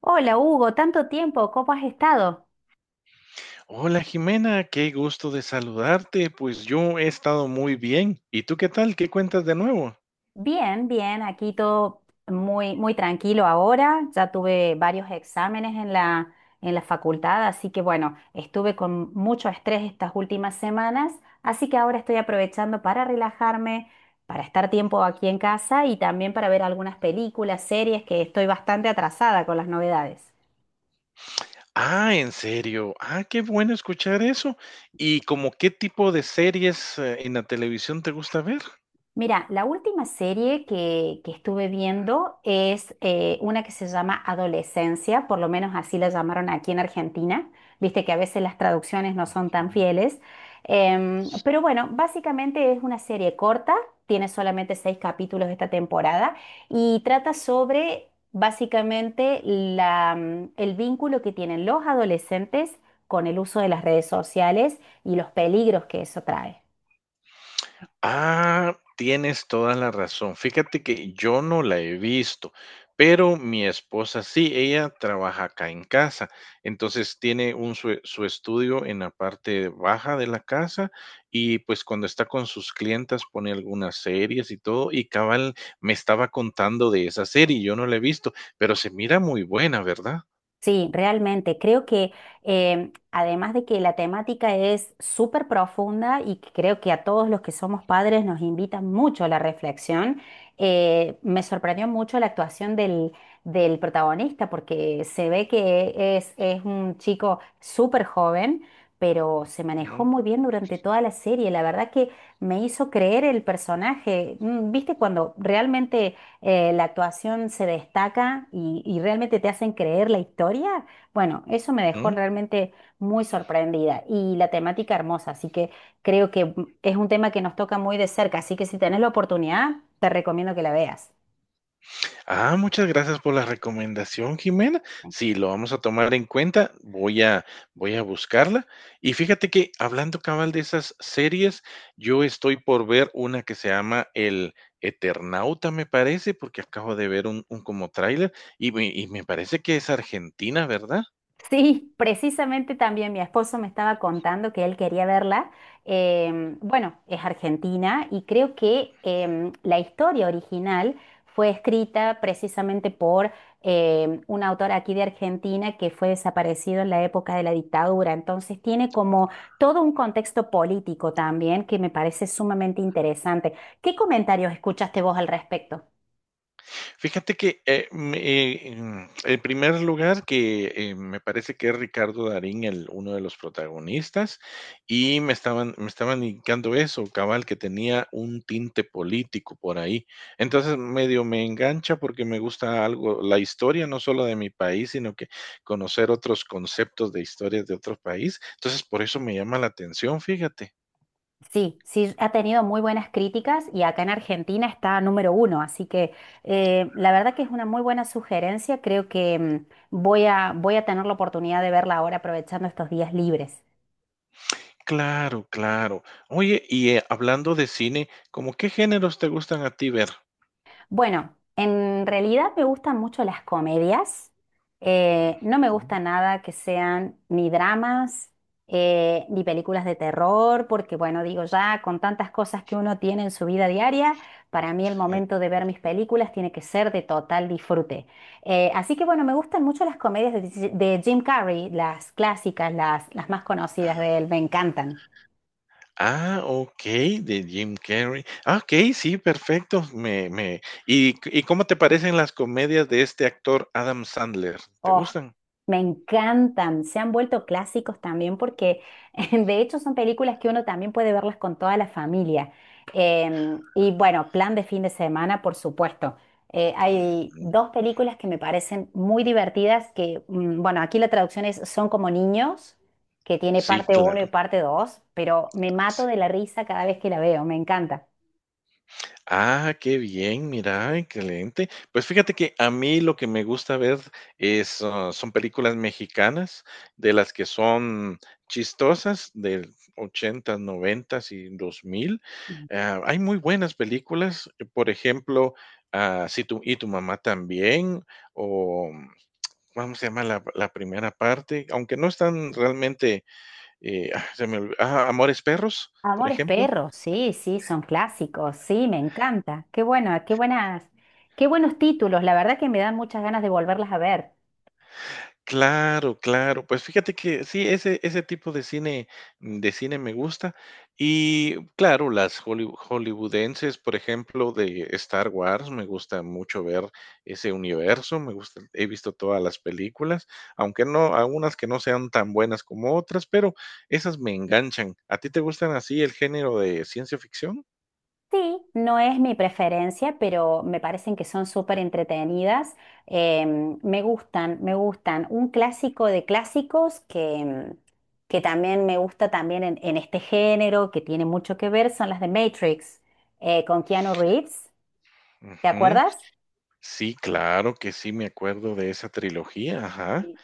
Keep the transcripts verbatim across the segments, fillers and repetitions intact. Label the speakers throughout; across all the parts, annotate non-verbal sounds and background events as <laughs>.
Speaker 1: Hola Hugo, tanto tiempo, ¿cómo has estado?
Speaker 2: Hola Jimena, qué gusto de saludarte. Pues yo he estado muy bien. ¿Y tú qué tal? ¿Qué cuentas de nuevo?
Speaker 1: Bien, bien, aquí todo muy, muy tranquilo ahora. Ya tuve varios exámenes en la, en la facultad, así que bueno, estuve con mucho estrés estas últimas semanas, así que ahora estoy aprovechando para relajarme, para estar tiempo aquí en casa y también para ver algunas películas, series, que estoy bastante atrasada con las novedades.
Speaker 2: Ah, en serio. Ah, qué bueno escuchar eso. ¿Y como qué tipo de series eh, en la televisión te gusta ver?
Speaker 1: Mira, la última serie que, que estuve viendo es eh, una que se llama Adolescencia, por lo menos así la llamaron aquí en Argentina. Viste que a veces las traducciones no son tan fieles. Em, pero bueno, básicamente es una serie corta, tiene solamente seis capítulos esta temporada y trata sobre básicamente la, mm, el vínculo que tienen los adolescentes con el uso de las redes sociales y los peligros que eso trae.
Speaker 2: Ah, tienes toda la razón. Fíjate que yo no la he visto, pero mi esposa sí, ella trabaja acá en casa. Entonces tiene un su, su estudio en la parte baja de la casa y pues cuando está con sus clientas pone algunas series y todo y cabal me estaba contando de esa serie, yo no la he visto, pero se mira muy buena, ¿verdad?
Speaker 1: Sí, realmente. Creo que em, además de que la temática es súper profunda y que creo que a todos los que somos padres nos invita mucho a la reflexión, eh, me sorprendió mucho la actuación del, del protagonista porque se ve que es, es un chico súper joven, pero se manejó
Speaker 2: ¿No?
Speaker 1: muy bien durante toda la serie. La verdad que me hizo creer el personaje. Mm, ¿Viste cuando realmente eh, la actuación se destaca y, y realmente te hacen creer la historia? Bueno, eso me dejó realmente muy sorprendida y la temática hermosa, así que creo que es un tema que nos toca muy de cerca, así que si tenés la oportunidad, te recomiendo que la veas.
Speaker 2: Ah, muchas gracias por la recomendación, Jimena. Sí, lo vamos a tomar en cuenta. Voy a, voy a buscarla. Y fíjate que hablando cabal de esas series, yo estoy por ver una que se llama El Eternauta, me parece, porque acabo de ver un, un como tráiler y, me- y me parece que es Argentina, ¿verdad?
Speaker 1: Sí, precisamente también mi esposo me estaba contando que él quería verla. Em, bueno, es argentina y creo que em, la historia original fue escrita precisamente por em, un autor aquí de Argentina que fue desaparecido en la época de la dictadura. Entonces tiene como todo un contexto político también que me parece sumamente interesante. ¿Qué comentarios escuchaste vos al respecto?
Speaker 2: Fíjate que, eh, me eh, em, en primer lugar, que, eh, me parece que es Ricardo Darín el uno de los protagonistas, y me estaban me estaban indicando eso, cabal, que tenía un tinte político por ahí. Entonces, medio me engancha porque me gusta algo la historia, no solo de mi país, sino que conocer otros conceptos de historias de otro país. Entonces, por eso me llama la atención, fíjate.
Speaker 1: Sí, sí, ha tenido muy buenas críticas y acá en Argentina está número uno, así que eh, la verdad que es una muy buena sugerencia, creo que mm, voy a, voy a tener la oportunidad de verla ahora aprovechando estos días libres.
Speaker 2: Claro, claro. Oye, y, eh, hablando de cine, ¿cómo qué géneros te gustan a ti ver?
Speaker 1: Bueno, en realidad me gustan mucho las comedias. Eh, no me
Speaker 2: Ujú.
Speaker 1: gusta nada que sean ni dramas, eh, ni películas de terror, porque bueno, digo ya, con tantas cosas que uno tiene en su vida diaria, para mí el momento de ver mis películas tiene que ser de total disfrute. Eh, así que bueno, me gustan mucho las comedias de, de Jim Carrey, las clásicas, las, las más conocidas de
Speaker 2: Ah,
Speaker 1: él, me encantan.
Speaker 2: ah, de Jim Carrey. Ah, okey, sí, perfecto. Me me ¿y c- y cómo te parecen las comedias de este actor Adam Sandler? ¿Te
Speaker 1: Oh,
Speaker 2: gustan?
Speaker 1: me encantan. Se han vuelto clásicos también porque <laughs> de hecho son películas que uno también puede verlas con toda la familia. Em, y bueno, plan de fin de semana, por supuesto. Eh, hay
Speaker 2: Ujú.
Speaker 1: dos películas que me parecen muy divertidas que, mm, bueno, aquí la traducción es Son como niños, que tiene
Speaker 2: Sí,
Speaker 1: parte uno y
Speaker 2: claro.
Speaker 1: parte dos, pero me mato de la risa cada vez que la veo, me encanta.
Speaker 2: Ah, qué bien, mira, excelente. Pues fíjate que a mí lo que me gusta ver es, ah, son películas mexicanas, de las que son chistosas, del ochenta, noventa y dos mil. Ah, hay muy buenas películas, eh, por ejemplo, ah, Si tu, y tu mamá también, o vamos se llama la, la primera parte, aunque no están realmente, eh, ah, se me olvi- ah, Amores Perros, por
Speaker 1: Amores
Speaker 2: ejemplo.
Speaker 1: Perros, sí, sí, son clásicos, sí, me encanta. Qué bueno, qué buenas, qué buenos títulos, la verdad que me dan muchas ganas de volverlas a ver.
Speaker 2: Claro, claro. Pues fíjate que sí, ese ese tipo de cine mm, de cine me gusta. Y claro, las hollyw hollywoodenses, por ejemplo, de Star Wars, me gusta mucho ver ese universo, me gusta he visto todas las películas, aunque no algunas que no sean tan buenas como otras, pero esas me enganchan. ¿A ti te gustan así el género de ciencia ficción?
Speaker 1: Sí, no es mi preferencia, pero me parecen que son súper entretenidas. Em, me gustan, me gustan. Un clásico de clásicos que, em, que también me gusta también en, en este género, que tiene mucho que ver, son las de Matrix, eh, con Keanu Reeves. ¿Te
Speaker 2: Ujú.
Speaker 1: acuerdas?
Speaker 2: Sí, claro que sí, me acuerdo de esa trilogía, ajá.
Speaker 1: Sí.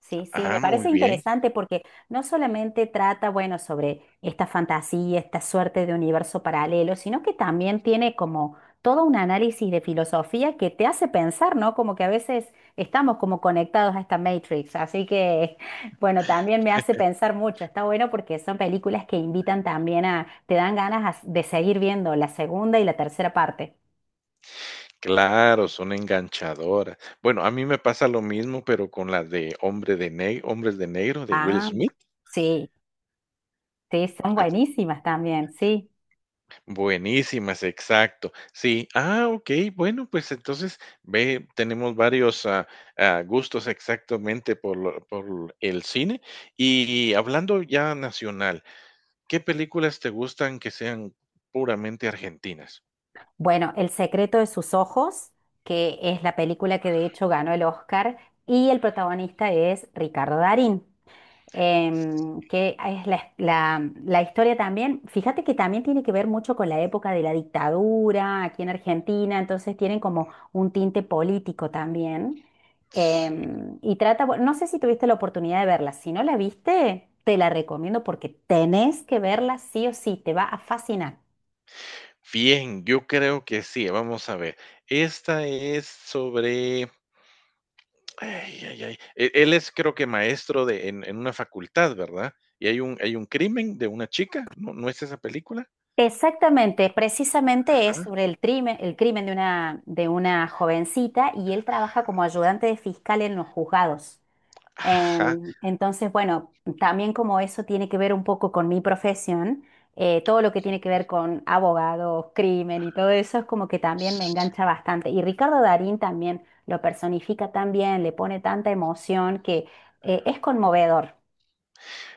Speaker 1: Sí, sí, me
Speaker 2: Ah, muy
Speaker 1: parece
Speaker 2: bien.
Speaker 1: interesante porque no solamente trata, bueno, sobre esta fantasía, esta suerte de universo paralelo, sino que también tiene como todo un análisis de filosofía que te hace pensar, ¿no? Como que a veces estamos como conectados a esta Matrix, así que, <laughs> bueno, también me hace pensar mucho. Está bueno porque son películas que invitan también a, te dan ganas a- de seguir viendo la segunda y la tercera parte.
Speaker 2: Claro, son enganchadoras. Bueno, a mí me pasa lo mismo, pero con la de Hombre de ne, Hombres de Negro de Will
Speaker 1: Ah,
Speaker 2: Smith.
Speaker 1: sí, sí, son buenísimas también, sí.
Speaker 2: Buenísimas, exacto. Sí, ah, ok, bueno, pues entonces ve, tenemos varios ah, ah, gustos exactamente por, lo- por el cine. Y hablando ya nacional, ¿qué películas te gustan que sean puramente argentinas?
Speaker 1: Bueno, El secreto de sus ojos, que es la película que de hecho ganó el Oscar, y el protagonista es Ricardo Darín, em, que es la, la- la historia también, fíjate que también tiene que ver mucho con la época de la dictadura aquí en Argentina, entonces tienen como un tinte político también.
Speaker 2: Sí.
Speaker 1: em, y trata, bueno, no sé si tuviste la oportunidad de verla, si no la viste, te la recomiendo porque tenés que verla sí o sí, te va a fascinar.
Speaker 2: Bien, yo creo que sí. Vamos a ver. Esta es sobre ay, ay, ay. E- Él es creo que maestro de, en, en una facultad, ¿verdad? Y hay un, hay un crimen de una chica, ¿no, no es esa película?
Speaker 1: Exactamente, precisamente es
Speaker 2: Ajá,
Speaker 1: sobre el crimen, el crimen de una, de una jovencita y él trabaja como ayudante de fiscal en los juzgados.
Speaker 2: ajá.
Speaker 1: Em, entonces, bueno, también como eso tiene que ver un poco con mi profesión, eh, todo lo que tiene que
Speaker 2: Sí,
Speaker 1: ver con abogados, crimen y todo eso es como que también me engancha
Speaker 2: sí.
Speaker 1: bastante. Y Ricardo Darín también lo personifica tan bien, le pone tanta emoción que eh, es conmovedor.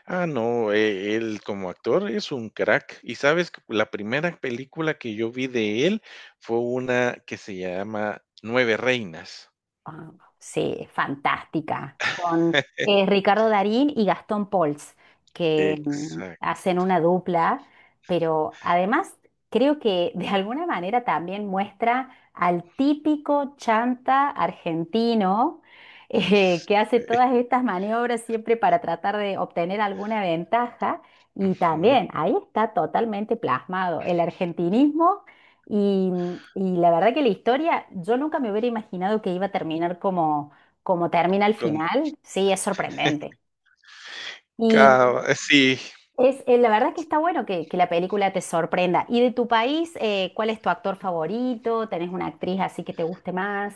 Speaker 2: Ah, no, eh, él como actor es un crack. Y sabes, que la primera película que yo vi de él fue una que se llama Nueve Reinas.
Speaker 1: Ah, sí, es fantástica. Con
Speaker 2: <laughs>
Speaker 1: eh, Ricardo Darín y Gastón Pauls, que mm,
Speaker 2: Exacto.
Speaker 1: hacen una dupla, pero además creo que de alguna manera también muestra al típico chanta argentino eh, que hace todas estas maniobras siempre para tratar de obtener alguna ventaja. Y
Speaker 2: Ujú,
Speaker 1: también ahí está totalmente plasmado el argentinismo y, y la verdad que la historia, yo nunca me hubiera imaginado que iba a terminar como, como termina al
Speaker 2: con
Speaker 1: final. Sí, es sorprendente. Y
Speaker 2: cava, sí.
Speaker 1: es, eh, la verdad que está bueno que, que la película te sorprenda. ¿Y de tu país, eh, cuál es tu actor favorito? ¿Tenés una actriz así que te guste más?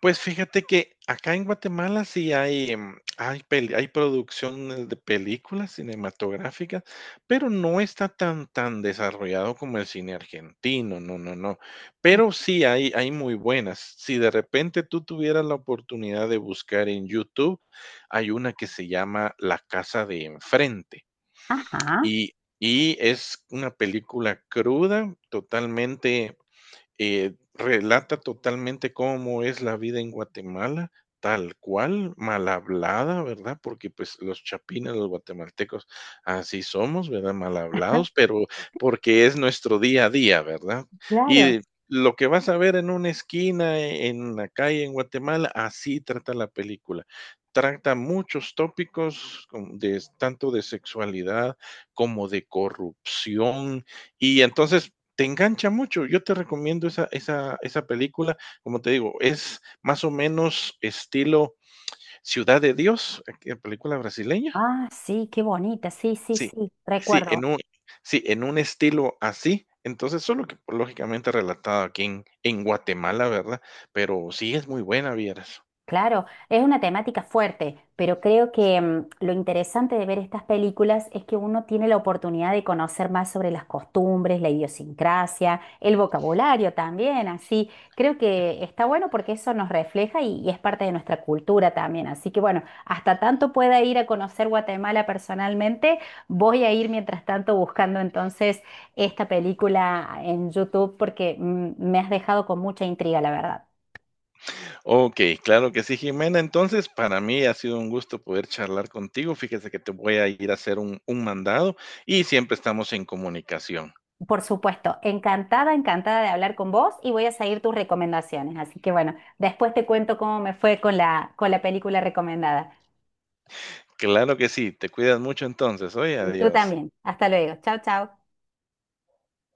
Speaker 2: Pues fíjate que acá en Guatemala sí hay, em, hay peli hay producciones de películas cinematográficas, pero no está tan tan desarrollado como el cine argentino, no, no, no. Pero sí hay hay muy buenas. Si de repente tú tuvieras la oportunidad de buscar en YouTube, hay una que se llama La casa de enfrente,
Speaker 1: Ajá,
Speaker 2: y y es una película cruda, totalmente eh, relata totalmente cómo es la vida en Guatemala, tal cual, mal hablada, ¿verdad? Porque pues los chapines, los guatemaltecos, así somos, ¿verdad? Mal
Speaker 1: ah,
Speaker 2: hablados, pero porque es nuestro día a día, ¿verdad?
Speaker 1: claro.
Speaker 2: Y lo que vas a ver en una esquina, e, en la calle en Guatemala, así trata la película. Trata muchos tópicos con- de, tanto de sexualidad como de corrupción. Y entonces te engancha mucho. Yo te recomiendo esa, esa, esa película. Como te digo, es más o menos estilo Ciudad de Dios, eh, película brasileña.
Speaker 1: Ah, sí, qué bonita, sí, sí,
Speaker 2: Sí,
Speaker 1: sí,
Speaker 2: sí, en
Speaker 1: recuerdo.
Speaker 2: un, sí, en un estilo así. Entonces, solo que pues, lógicamente relatado aquí en, en Guatemala, ¿verdad? Pero sí es muy buena, vieras.
Speaker 1: Claro, es una temática fuerte, pero creo que mm, lo interesante de ver estas películas es que uno tiene la oportunidad de conocer más sobre las costumbres, la idiosincrasia, el vocabulario también, así. Creo que está bueno porque eso nos refleja y, y es parte de nuestra cultura también. Así que bueno, hasta tanto pueda ir a conocer Guatemala personalmente, voy a ir mientras tanto buscando entonces esta película en YouTube porque mm, me has dejado con mucha intriga, la verdad.
Speaker 2: Ok, claro que sí, Jimena. Entonces, para mí ha sido un gusto poder charlar contigo. Fíjese que te voy a ir a hacer un, un mandado y siempre estamos en comunicación.
Speaker 1: Por supuesto, encantada, encantada de hablar con vos y voy a seguir tus recomendaciones. Así que bueno, después te cuento cómo me fue con la, con la película recomendada.
Speaker 2: Claro que sí, te cuidas mucho entonces. Oye,
Speaker 1: Tú
Speaker 2: adiós.
Speaker 1: también. Hasta luego. Chao, chao.